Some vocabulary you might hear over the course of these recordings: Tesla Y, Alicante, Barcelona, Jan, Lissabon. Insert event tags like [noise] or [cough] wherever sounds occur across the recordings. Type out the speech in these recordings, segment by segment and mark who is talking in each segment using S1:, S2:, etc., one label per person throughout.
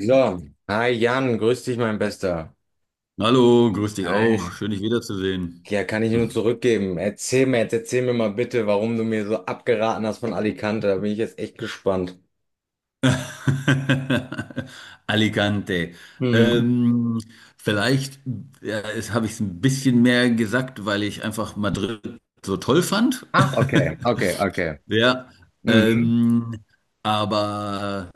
S1: So, hi Jan, grüß dich, mein Bester.
S2: Hallo, grüß dich auch.
S1: Hi.
S2: Schön, dich wiederzusehen.
S1: Ja, kann ich nur zurückgeben. Erzähl mir jetzt, erzähl mir mal bitte, warum du mir so abgeraten hast von Alicante. Da bin ich jetzt echt gespannt.
S2: [laughs] Alicante.
S1: Hm.
S2: Ähm, vielleicht ja, habe ich es ein bisschen mehr gesagt, weil ich einfach Madrid so toll fand.
S1: Ach, okay, okay, okay.
S2: [laughs] Ja,
S1: Mhm.
S2: ähm, aber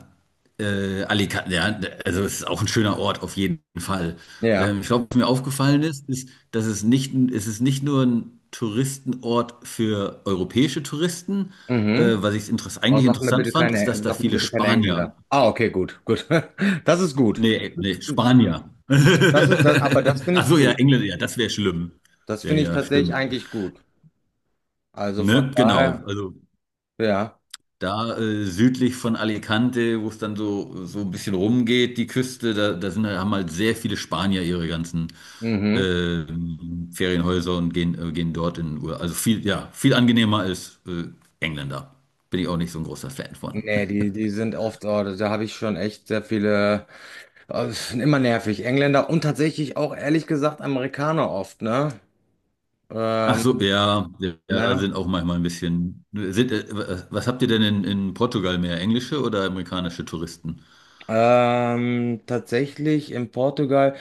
S2: Alicante, ja, also es ist auch ein schöner Ort auf jeden Fall.
S1: Ja.
S2: Ich glaube, was mir aufgefallen ist, ist, dass es nicht, es ist nicht nur ein Touristenort für europäische Touristen.
S1: Mhm.
S2: Was ich interess
S1: Aber
S2: eigentlich
S1: sag mir
S2: interessant
S1: bitte
S2: fand, ist,
S1: keine,
S2: dass
S1: also
S2: da
S1: sag mir
S2: viele
S1: bitte keine
S2: Spanier,
S1: Engländer. Ah, okay, gut, gut. [laughs] Das ist gut.
S2: nee, nee, Spanier.
S1: Aber das
S2: [laughs]
S1: finde
S2: Ach
S1: ich
S2: so, ja,
S1: gut.
S2: Engländer, ja, das wäre schlimm.
S1: Das
S2: Ja,
S1: finde ich
S2: ja,
S1: tatsächlich
S2: stimmt.
S1: eigentlich gut. Also von
S2: Ne, genau.
S1: daher,
S2: Also
S1: ja.
S2: da südlich von Alicante, wo es dann so, so ein bisschen rumgeht, die Küste, da sind, haben halt sehr viele Spanier ihre ganzen
S1: Mhm.
S2: äh, Ferienhäuser und gehen dort in Urlaub. Also viel, ja, viel angenehmer als Engländer. Bin ich auch nicht so ein großer Fan von.
S1: Nee,
S2: [laughs]
S1: die sind oft, oh, da habe ich schon echt sehr viele, oh, das sind immer nervig. Engländer und tatsächlich auch ehrlich gesagt Amerikaner oft, ne?
S2: Ach
S1: Ähm,
S2: so, ja, ja,
S1: ne?
S2: sind auch manchmal ein bisschen. Was habt ihr denn in Portugal mehr? Englische oder amerikanische Touristen?
S1: Tatsächlich in Portugal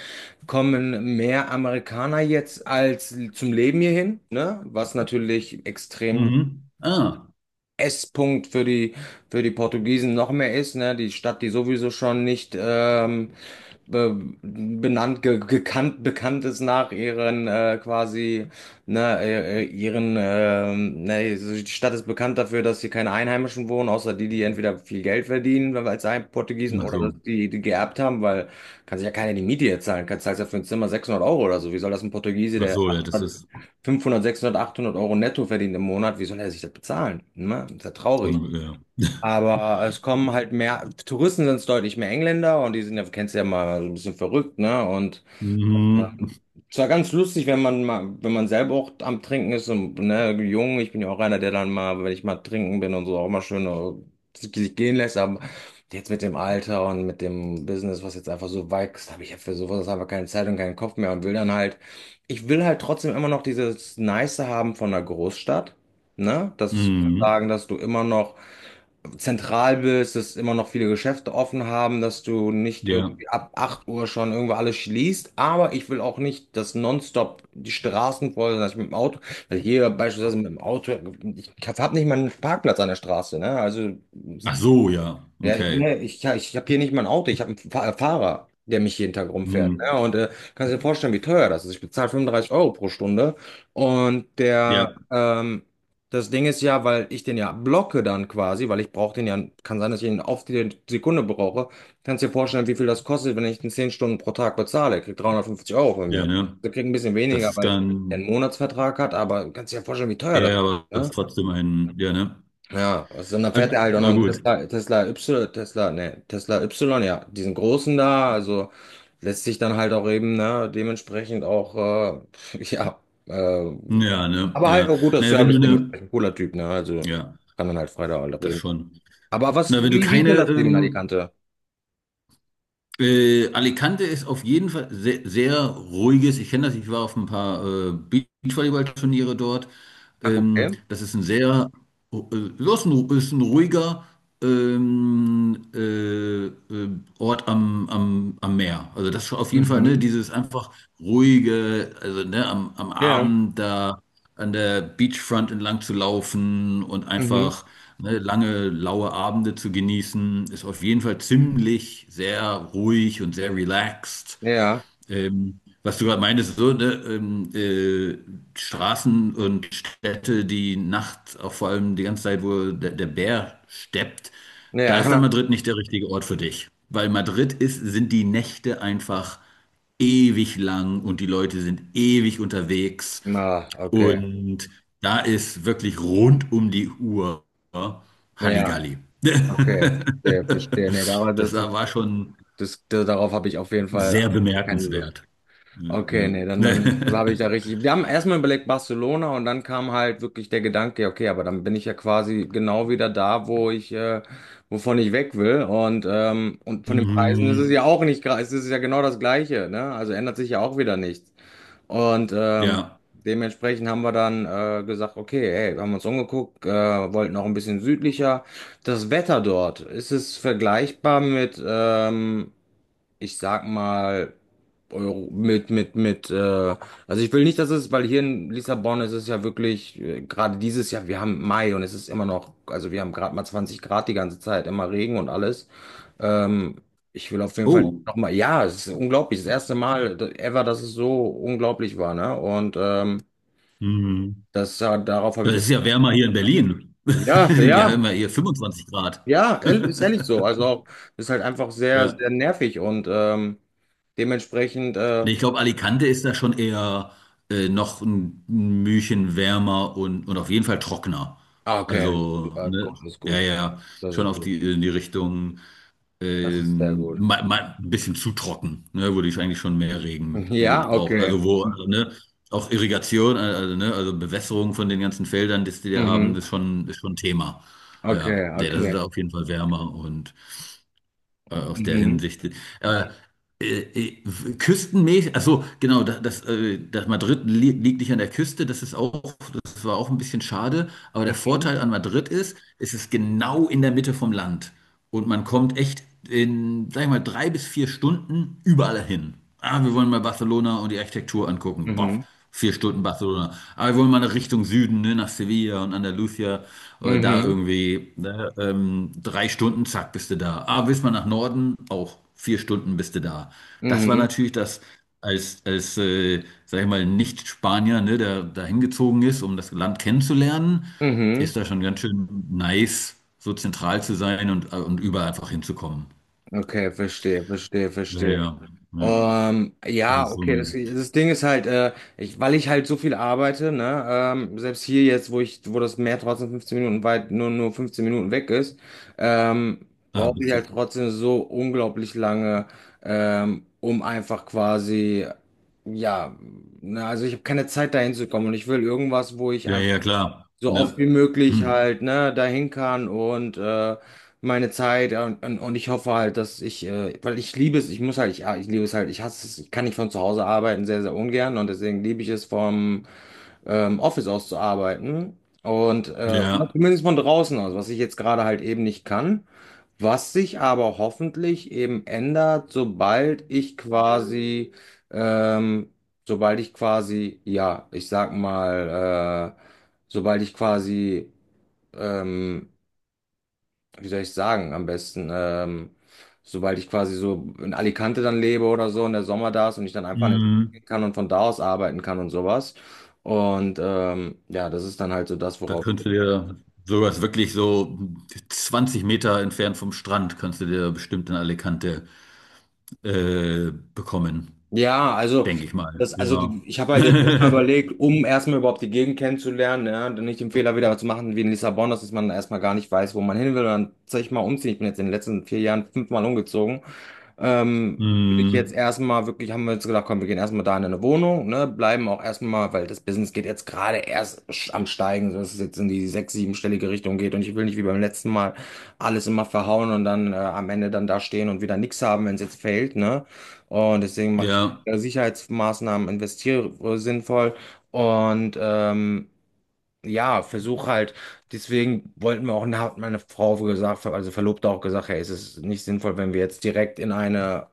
S1: kommen mehr Amerikaner jetzt als zum Leben hierhin, ne? Was natürlich extrem
S2: Mhm. Ah,
S1: Esspunkt für die Portugiesen noch mehr ist, ne? Die Stadt, die sowieso schon nicht be benannt, ge gekannt, bekannt ist nach ihren quasi, ne, ihren, ne, so die Stadt ist bekannt dafür, dass hier keine Einheimischen wohnen, außer die, die entweder viel Geld verdienen, weil als ein Portugiesen
S2: ach
S1: oder dass
S2: so.
S1: die, die geerbt haben, weil kann sich ja keiner die Miete jetzt zahlen, kann zahlst ja für ein Zimmer 600 € oder so. Wie soll das ein Portugiese,
S2: Ach
S1: der
S2: so, ja, das ist.
S1: 500, 600, 800 € netto verdient im Monat, wie soll er sich das bezahlen? Ne? Das ist ja traurig.
S2: Ja. [laughs]
S1: Aber es kommen halt mehr, Touristen sind es deutlich mehr Engländer und die sind ja, kennst du ja mal, so ein bisschen verrückt, ne? Und äh,
S2: Mhm.
S1: es war ganz lustig, wenn man mal, wenn man selber auch am Trinken ist und ne, jung, ich bin ja auch einer, der dann mal, wenn ich mal trinken bin und so, auch mal schön sich gehen lässt, aber jetzt mit dem Alter und mit dem Business, was jetzt einfach so wächst, habe ich ja für sowas einfach keine Zeit und keinen Kopf mehr und will dann halt, ich will halt trotzdem immer noch dieses Nice haben von der Großstadt, ne? Das
S2: Mhm.
S1: sozusagen, dass du immer noch zentral bist, dass immer noch viele Geschäfte offen haben, dass du nicht
S2: Ja.
S1: irgendwie ab 8 Uhr schon irgendwo alles schließt. Aber ich will auch nicht, dass nonstop die Straßen voll sind, dass ich mit dem Auto, weil hier beispielsweise mit dem Auto, ich habe nicht mal einen Parkplatz an der Straße, ne? Also
S2: Ach so, ja.
S1: ja,
S2: Okay.
S1: nee, ich, ja, ich habe hier nicht mal ein Auto, ich habe einen Fahrer, der mich jeden Tag rumfährt.
S2: Mhm.
S1: Ja, und kannst dir vorstellen, wie teuer das ist. Ich bezahle 35 € pro Stunde. Und der,
S2: Ja,
S1: das Ding ist ja, weil ich den ja blocke dann quasi, weil ich brauche den ja, kann sein, dass ich ihn auf die Sekunde brauche. Kannst dir vorstellen, wie viel das kostet, wenn ich den 10 Stunden pro Tag bezahle. Er kriegt 350 € von
S2: ja,
S1: mir.
S2: ne?
S1: Der kriegt ein bisschen
S2: Das
S1: weniger,
S2: ist
S1: weil er einen
S2: dann,
S1: Monatsvertrag hat, aber kannst dir ja vorstellen, wie teuer
S2: ja,
S1: das
S2: ja,
S1: ist.
S2: aber das
S1: Ne?
S2: ist trotzdem ein, ja, ne?
S1: Ja, also dann
S2: Also,
S1: fährt er halt auch noch
S2: na
S1: einen
S2: gut.
S1: Tesla, Tesla Y, Tesla, ne, Tesla Y, ja, diesen großen da, also lässt sich dann halt auch eben, ne, dementsprechend auch, [laughs] ja, äh,
S2: Ja, ne?
S1: aber halt
S2: Ja.
S1: auch guter
S2: Naja, wenn du
S1: Service
S2: eine,
S1: dementsprechend, cooler Typ, ne, also
S2: ja,
S1: kann dann halt frei da alle
S2: das
S1: reden.
S2: schon.
S1: Aber was,
S2: Na, wenn du
S1: wie, wie ist denn
S2: keine
S1: das Leben in Alicante?
S2: Alicante ist auf jeden Fall sehr, sehr ruhiges. Ich kenne das, ich war auf ein paar Beachvolleyballturniere dort.
S1: Ach, okay.
S2: Das ist ein sehr, äh, ist ein ruhiger ähm, äh, äh, Ort am Meer. Also das ist auf jeden Fall, ne,
S1: Mhm.
S2: dieses einfach ruhige, also ne, am
S1: Ja,
S2: Abend da an der Beachfront entlang zu laufen und
S1: mhm.
S2: einfach ne, lange, laue Abende zu genießen, ist auf jeden Fall ziemlich sehr ruhig und sehr relaxed.
S1: Ja,
S2: Was du gerade meintest, so, ne, Straßen und Städte, die nachts, auch vor allem die ganze Zeit, wo der Bär steppt, da ist dann
S1: ja.
S2: Madrid nicht der richtige Ort für dich. Weil Madrid ist, sind die Nächte einfach ewig lang und die Leute sind ewig unterwegs.
S1: [laughs] Na, okay.
S2: Und da ist wirklich rund um die Uhr
S1: Ja,
S2: Halligalli. [laughs]
S1: okay. Verstehe, verstehe. Nee, darauf, das,
S2: Das war
S1: das,
S2: war schon.
S1: das, darauf habe ich auf jeden Fall
S2: Sehr
S1: keine Lust.
S2: bemerkenswert.
S1: Okay,
S2: Ja.
S1: nee, dann
S2: [laughs]
S1: habe ich da richtig. Wir haben erstmal überlegt Barcelona und dann kam halt wirklich der Gedanke, ja, okay, aber dann bin ich ja quasi genau wieder da, wovon ich weg will. Und von den Preisen ist es
S2: Mhm.
S1: ja auch nicht, es ist ja genau das Gleiche, ne? Also ändert sich ja auch wieder nichts. Und
S2: Ja.
S1: dementsprechend haben wir dann gesagt, okay, hey, wir haben uns umgeguckt, wollten auch ein bisschen südlicher. Das Wetter dort, ist es vergleichbar mit ich sag mal, Euro, also ich will nicht, dass es, weil hier in Lissabon ist es ja wirklich, gerade dieses Jahr, wir haben Mai und es ist immer noch, also wir haben gerade mal 20 Grad die ganze Zeit, immer Regen und alles. Ähm, Ich will auf jeden Fall
S2: Oh.
S1: nochmal, ja, es ist unglaublich, das erste Mal ever, dass es so unglaublich war, ne? Und
S2: Mhm.
S1: das, darauf habe
S2: Das
S1: ich,
S2: ist ja wärmer hier in Berlin. [laughs]
S1: ja,
S2: Wir haben
S1: ja,
S2: ja hier 25 Grad.
S1: ja, ist ehrlich so.
S2: [laughs]
S1: Also auch, ist halt einfach sehr,
S2: Ja.
S1: sehr nervig und dementsprechend
S2: Nee, ich glaube, Alicante ist da schon eher noch ein Mühchen wärmer und auf jeden Fall trockener.
S1: ah, okay,
S2: Also,
S1: das ist gut,
S2: ne,
S1: das ist
S2: ja,
S1: gut.
S2: ja, ja.
S1: Das
S2: Schon
S1: ist
S2: auf
S1: gut.
S2: die, in die Richtung.
S1: Das ist sehr gut.
S2: Mal ein bisschen zu trocken, ne, wo ich eigentlich schon mehr Regen
S1: Ja,
S2: gebraucht.
S1: okay.
S2: Also, ne, auch Irrigation, also, ne, also Bewässerung von den ganzen Feldern, die die da haben,
S1: Mhm.
S2: ist schon Thema.
S1: Okay,
S2: Ja, nee, das ist
S1: okay.
S2: da auf jeden Fall wärmer und aus der
S1: Mhm.
S2: Hinsicht. Äh, äh, äh, küstenmäßig, also genau, das Madrid li liegt nicht an der Küste, das ist auch, das war auch ein bisschen schade, aber der
S1: Mhm.
S2: Vorteil an Madrid ist, es ist genau in der Mitte vom Land und man kommt echt in, sag ich mal, 3 bis 4 Stunden überall hin. Ah, wir wollen mal Barcelona und die Architektur angucken. Boff.
S1: Mhm.
S2: 4 Stunden Barcelona. Aber wir wollen mal nach Richtung Süden, ne, nach Sevilla und Andalusia. Da
S1: Mhm.
S2: irgendwie, ne, 3 Stunden, zack, bist du da. Aber willst mal nach Norden, auch 4 Stunden bist du da.
S1: Mhm.
S2: Das war
S1: Mhm.
S2: natürlich das, als sag ich mal, Nicht-Spanier, ne, der da hingezogen ist, um das Land kennenzulernen,
S1: Mhm.
S2: ist da schon ganz schön nice, so zentral zu sein und überall einfach hinzukommen.
S1: Okay, verstehe, verstehe,
S2: Ja,
S1: verstehe.
S2: ja. Ja. Das
S1: Ja,
S2: ist so
S1: okay, das,
S2: ein,
S1: das Ding ist halt, ich, weil ich halt so viel arbeite, ne, selbst hier jetzt, wo das Meer trotzdem 15 Minuten weit, nur 15 Minuten weg ist, ähm,
S2: ah,
S1: brauche ich halt
S2: bisschen.
S1: trotzdem so unglaublich lange, um einfach quasi, ja, ne, also ich habe keine Zeit dahin zu kommen und ich will irgendwas, wo ich
S2: Ja, ja, klar.
S1: so oft
S2: Ja.
S1: wie möglich
S2: Hm.
S1: halt, ne, dahin kann und meine Zeit und ich hoffe halt, dass ich, weil ich liebe es, ich muss halt, ich, ja, ich liebe es halt, ich hasse es, ich kann nicht von zu Hause arbeiten, sehr, sehr ungern und deswegen liebe ich es vom Office auszuarbeiten. Und oder
S2: Ja,
S1: zumindest von draußen aus, was ich jetzt gerade halt eben nicht kann, was sich aber hoffentlich eben ändert, ähm, sobald ich quasi, ja, ich sag mal, sobald ich quasi ähm, wie soll ich sagen, am besten, sobald ich quasi so in Alicante dann lebe oder so und der Sommer da ist und ich dann einfach in den Sommer
S2: mhm.
S1: gehen kann und von da aus arbeiten kann und sowas. Und ja, das ist dann halt so das,
S2: Da
S1: worauf.
S2: könntest du dir sowas wirklich so 20 Meter entfernt vom Strand, kannst du dir bestimmt in Alicante bekommen,
S1: Ja, also.
S2: denke ich mal.
S1: Das, also die,
S2: Ja.
S1: ich habe
S2: [laughs]
S1: halt jetzt erstmal überlegt, um erstmal überhaupt die Gegend kennenzulernen, ja, dann nicht den Fehler wieder zu machen wie in Lissabon, dass man erstmal gar nicht weiß, wo man hin will und dann zeig ich mal umziehen. Ich bin jetzt in den letzten 4 Jahren fünfmal umgezogen. Würde ich jetzt
S2: Mhm.
S1: erstmal wirklich, haben wir jetzt gedacht, komm, wir gehen erstmal da in eine Wohnung, ne, bleiben auch erstmal, weil das Business geht jetzt gerade erst am Steigen, so dass es jetzt in die sechs-, siebenstellige Richtung geht und ich will nicht wie beim letzten Mal alles immer verhauen und dann am Ende dann da stehen und wieder nichts haben, wenn es jetzt fällt, ne. Und deswegen mache ich
S2: Ja,
S1: Sicherheitsmaßnahmen, investiere sinnvoll und ja, versuche halt, deswegen wollten wir auch, hat meine Frau gesagt, also Verlobte auch gesagt, hey, es ist nicht sinnvoll, wenn wir jetzt direkt in eine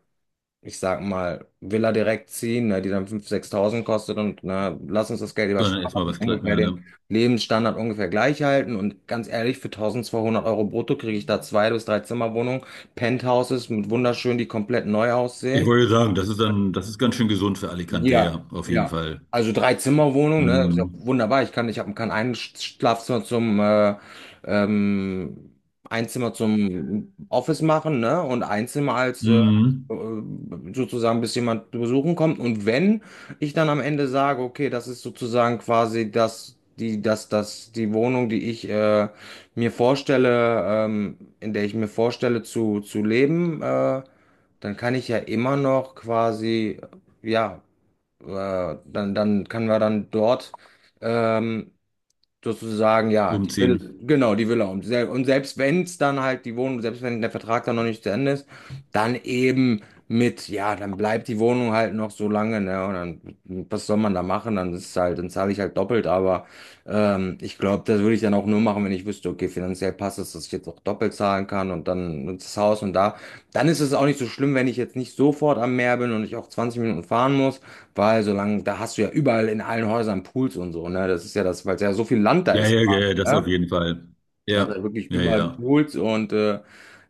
S1: ich sag mal, Villa direkt ziehen, ne, die dann 5.000, 6.000 kostet und ne, lass uns das Geld lieber
S2: sondern
S1: sparen
S2: erstmal
S1: lassen,
S2: was klein,
S1: ungefähr
S2: ja,
S1: den
S2: ne?
S1: Lebensstandard ungefähr gleich halten. Und ganz ehrlich, für 1.200 € brutto kriege ich da zwei bis drei Zimmerwohnungen, Penthouses mit wunderschön, die komplett neu
S2: Ich
S1: aussehen.
S2: wollte sagen, das ist dann, das ist ganz schön gesund für Alicante,
S1: Ja,
S2: ja, auf jeden
S1: ja.
S2: Fall.
S1: Also Drei-Zimmer-Wohnung, ne? Ist ja
S2: Mhm.
S1: wunderbar. Ich kann, ich habe kann ein Schlafzimmer zum ähm, ein Zimmer zum Office machen, ne? Und ein Zimmer als äh,
S2: Mhm.
S1: sozusagen, bis jemand besuchen kommt. Und wenn ich dann am Ende sage, okay, das ist sozusagen quasi das, die, das, das, die Wohnung, die ich mir vorstelle, in der ich mir vorstelle zu leben, dann kann ich ja immer noch quasi ja, dann können wir dann dort ähm, sozusagen, ja, die Villa,
S2: Umziehen.
S1: genau, die Villa. Und, sel und selbst wenn es dann halt die Wohnung, selbst wenn der Vertrag dann noch nicht zu Ende ist, dann eben mit, ja, dann bleibt die Wohnung halt noch so lange, ne? Und dann, was soll man da machen? Dann ist es halt, dann zahle ich halt doppelt, aber ich glaube, das würde ich dann auch nur machen, wenn ich wüsste, okay, finanziell passt es, dass ich jetzt auch doppelt zahlen kann und dann das Haus und da. Dann ist es auch nicht so schlimm, wenn ich jetzt nicht sofort am Meer bin und ich auch 20 Minuten fahren muss. Weil solange, da hast du ja überall in allen Häusern Pools und so, ne? Das ist ja das, weil es ja so viel Land da
S2: Ja,
S1: ist,
S2: ja, ja, das auf
S1: ne?
S2: jeden Fall.
S1: Also halt
S2: Ja,
S1: wirklich
S2: ja,
S1: überall
S2: ja.
S1: Pools und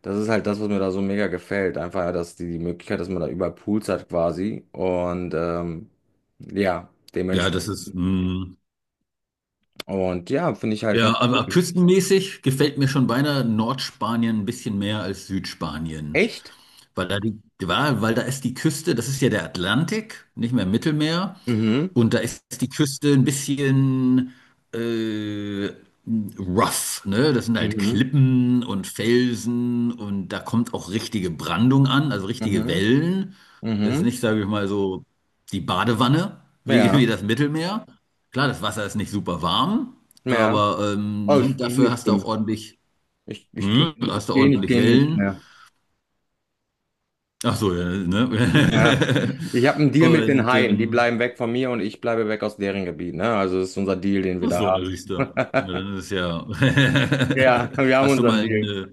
S1: das ist halt das, was mir da so mega gefällt. Einfach, ja, dass die, die Möglichkeit, dass man da überall Pools hat quasi. Und ja,
S2: Ja, das
S1: dementsprechend.
S2: ist, mm,
S1: Und ja, finde ich halt ganz
S2: ja, aber küstenmäßig gefällt mir schon beinahe Nordspanien ein bisschen mehr als Südspanien.
S1: echt.
S2: Weil da die, weil da ist die Küste, das ist ja der Atlantik, nicht mehr Mittelmeer.
S1: Mhm.
S2: Und da ist die Küste ein bisschen äh, rough, ne? Das sind halt
S1: Mhm.
S2: Klippen und Felsen und da kommt auch richtige Brandung an, also richtige
S1: Mhm.
S2: Wellen. Das ist
S1: Mhm.
S2: nicht, sage ich mal, so die Badewanne wie, [laughs] wie
S1: Ja,
S2: das Mittelmeer. Klar, das Wasser ist nicht super warm,
S1: ja.
S2: aber
S1: Oh,
S2: ne,
S1: ist
S2: dafür
S1: nicht
S2: hast du auch
S1: schlimm.
S2: ordentlich,
S1: Ich, ich, geh
S2: hm, hast
S1: Ich
S2: du
S1: gehe nicht,
S2: ordentlich
S1: geh nicht.
S2: Wellen. Ach so, ja, ne?
S1: Ja.
S2: [laughs]
S1: Ich habe einen Deal mit den
S2: Und
S1: Haien. Die bleiben weg von mir und ich bleibe weg aus deren Gebiet. Ne? Also das ist unser Deal, den wir
S2: ach
S1: da
S2: so, na
S1: haben.
S2: siehst du. Na, dann ist es ja.
S1: Ja, [laughs] wir
S2: [laughs]
S1: haben
S2: Hast du
S1: unseren
S2: mal
S1: Deal.
S2: eine.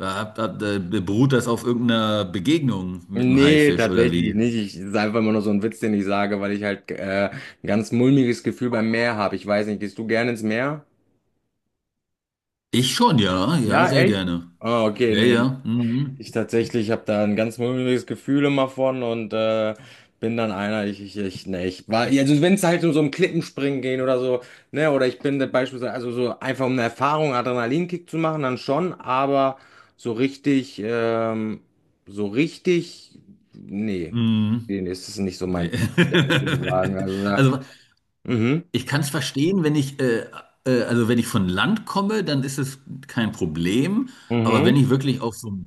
S2: Beruht das auf irgendeiner Begegnung mit einem
S1: Nee,
S2: Haifisch oder
S1: tatsächlich
S2: wie?
S1: nicht. Ich, das ist einfach immer nur so ein Witz, den ich sage, weil ich halt ein ganz mulmiges Gefühl beim Meer habe. Ich weiß nicht, gehst du gerne ins Meer?
S2: Ich schon, ja, ja,
S1: Ja,
S2: sehr
S1: echt?
S2: gerne.
S1: Oh, okay,
S2: Ja,
S1: nee.
S2: ja. Mhm.
S1: Ich tatsächlich habe da ein ganz mulmiges Gefühl immer von und bin dann einer, ich, ne, ich war, also wenn es halt um so ein Klippenspringen gehen oder so, ne, oder ich bin da beispielsweise, also so einfach um eine Erfahrung, Adrenalinkick zu machen, dann schon, aber so richtig, ähm, so richtig,
S2: Mhm.
S1: nee,
S2: Mhm.
S1: nee, ist es nicht so
S2: Nee.
S1: mein Ding, muss ich ehrlich sagen.
S2: [laughs]
S1: Also, da,
S2: Also
S1: mhm,
S2: ich kann es verstehen, wenn ich, also wenn ich von Land komme, dann ist es kein Problem. Aber
S1: mhm,
S2: wenn ich wirklich auf so einem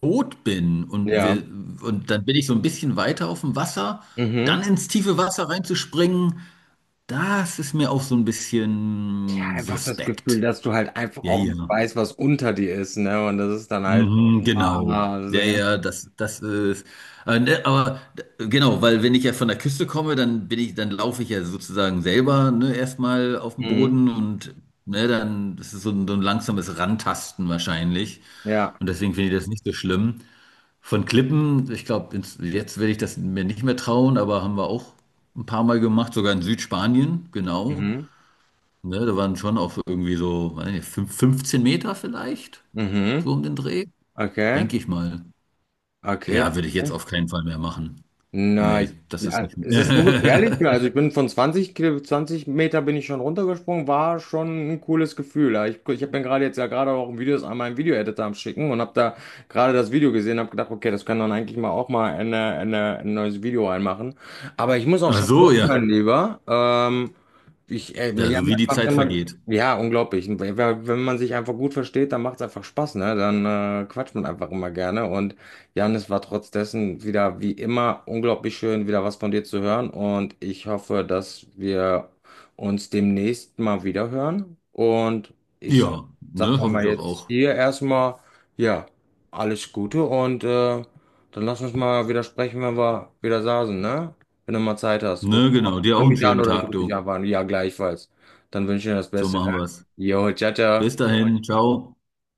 S2: Boot bin und,
S1: ja,
S2: wir, und dann bin ich so ein bisschen weiter auf dem Wasser, dann
S1: mhm.
S2: ins tiefe Wasser reinzuspringen, das ist mir auch so ein
S1: Ja,
S2: bisschen
S1: einfach das Gefühl,
S2: suspekt.
S1: dass du halt einfach
S2: Ja,
S1: auch nicht
S2: ja.
S1: weißt, was unter dir ist, ne? Und das ist dann halt,
S2: Mhm, genau.
S1: ah, das ist
S2: Ja,
S1: ein ganz,
S2: ja, das, das ist. Ne, Aber genau, weil wenn ich ja von der Küste komme, dann bin ich, dann laufe ich ja sozusagen selber, ne, erstmal auf dem
S1: mhm,
S2: Boden und ne, dann, das ist so ein langsames Rantasten wahrscheinlich.
S1: ja,
S2: Und deswegen finde ich das nicht so schlimm. Von Klippen, ich glaube, jetzt werde ich das mir nicht mehr trauen, aber haben wir auch ein paar Mal gemacht, sogar in Südspanien, genau.
S1: mhm,
S2: Ne, da waren schon auch irgendwie so, weiß nicht, 15 Meter vielleicht, so
S1: mhm,
S2: um den Dreh,
S1: okay,
S2: denke ich mal.
S1: okay,
S2: Ja, würde ich jetzt
S1: okay.
S2: auf keinen Fall mehr machen.
S1: Na,
S2: Nee,
S1: ich,
S2: das ist
S1: ja,
S2: nicht.
S1: es ist so gefährlich. Ja, also ich bin von 20 Meter bin ich schon runtergesprungen, war schon ein cooles Gefühl. Ja, ich habe mir gerade jetzt ja gerade auch ein Video, an einmal Video-Editor am Schicken und habe da gerade das Video gesehen, habe gedacht, okay, das kann dann eigentlich mal auch mal ein neues Video reinmachen. Aber ich muss
S2: [laughs]
S1: auch
S2: Ach
S1: schon
S2: so,
S1: los,
S2: ja.
S1: mein Lieber. Ich,
S2: Ja,
S1: ja,
S2: so wie
S1: das
S2: die
S1: macht
S2: Zeit
S1: immer,
S2: vergeht.
S1: ja, unglaublich. Wenn man sich einfach gut versteht, dann macht es einfach Spaß, ne? Dann quatscht man einfach immer gerne und Janis, war trotz dessen wieder wie immer unglaublich schön, wieder was von dir zu hören und ich hoffe, dass wir uns demnächst mal wieder hören und ich sag,
S2: Ja,
S1: sag
S2: ne,
S1: dann
S2: hoffe ich
S1: mal
S2: doch
S1: jetzt
S2: auch.
S1: hier erstmal, ja, alles Gute und dann lass uns mal wieder sprechen, wenn wir wieder saßen, ne? Wenn du mal Zeit hast, ruf
S2: Ne, genau.
S1: ruf
S2: Dir auch einen
S1: mich an
S2: schönen
S1: oder ich
S2: Tag,
S1: rufe dich
S2: du.
S1: einfach an. Ja, gleichfalls. Dann wünsche ich dir das
S2: So
S1: Beste, ne?
S2: machen wir's.
S1: Jo, ciao, ciao.
S2: Bis dahin. Ciao.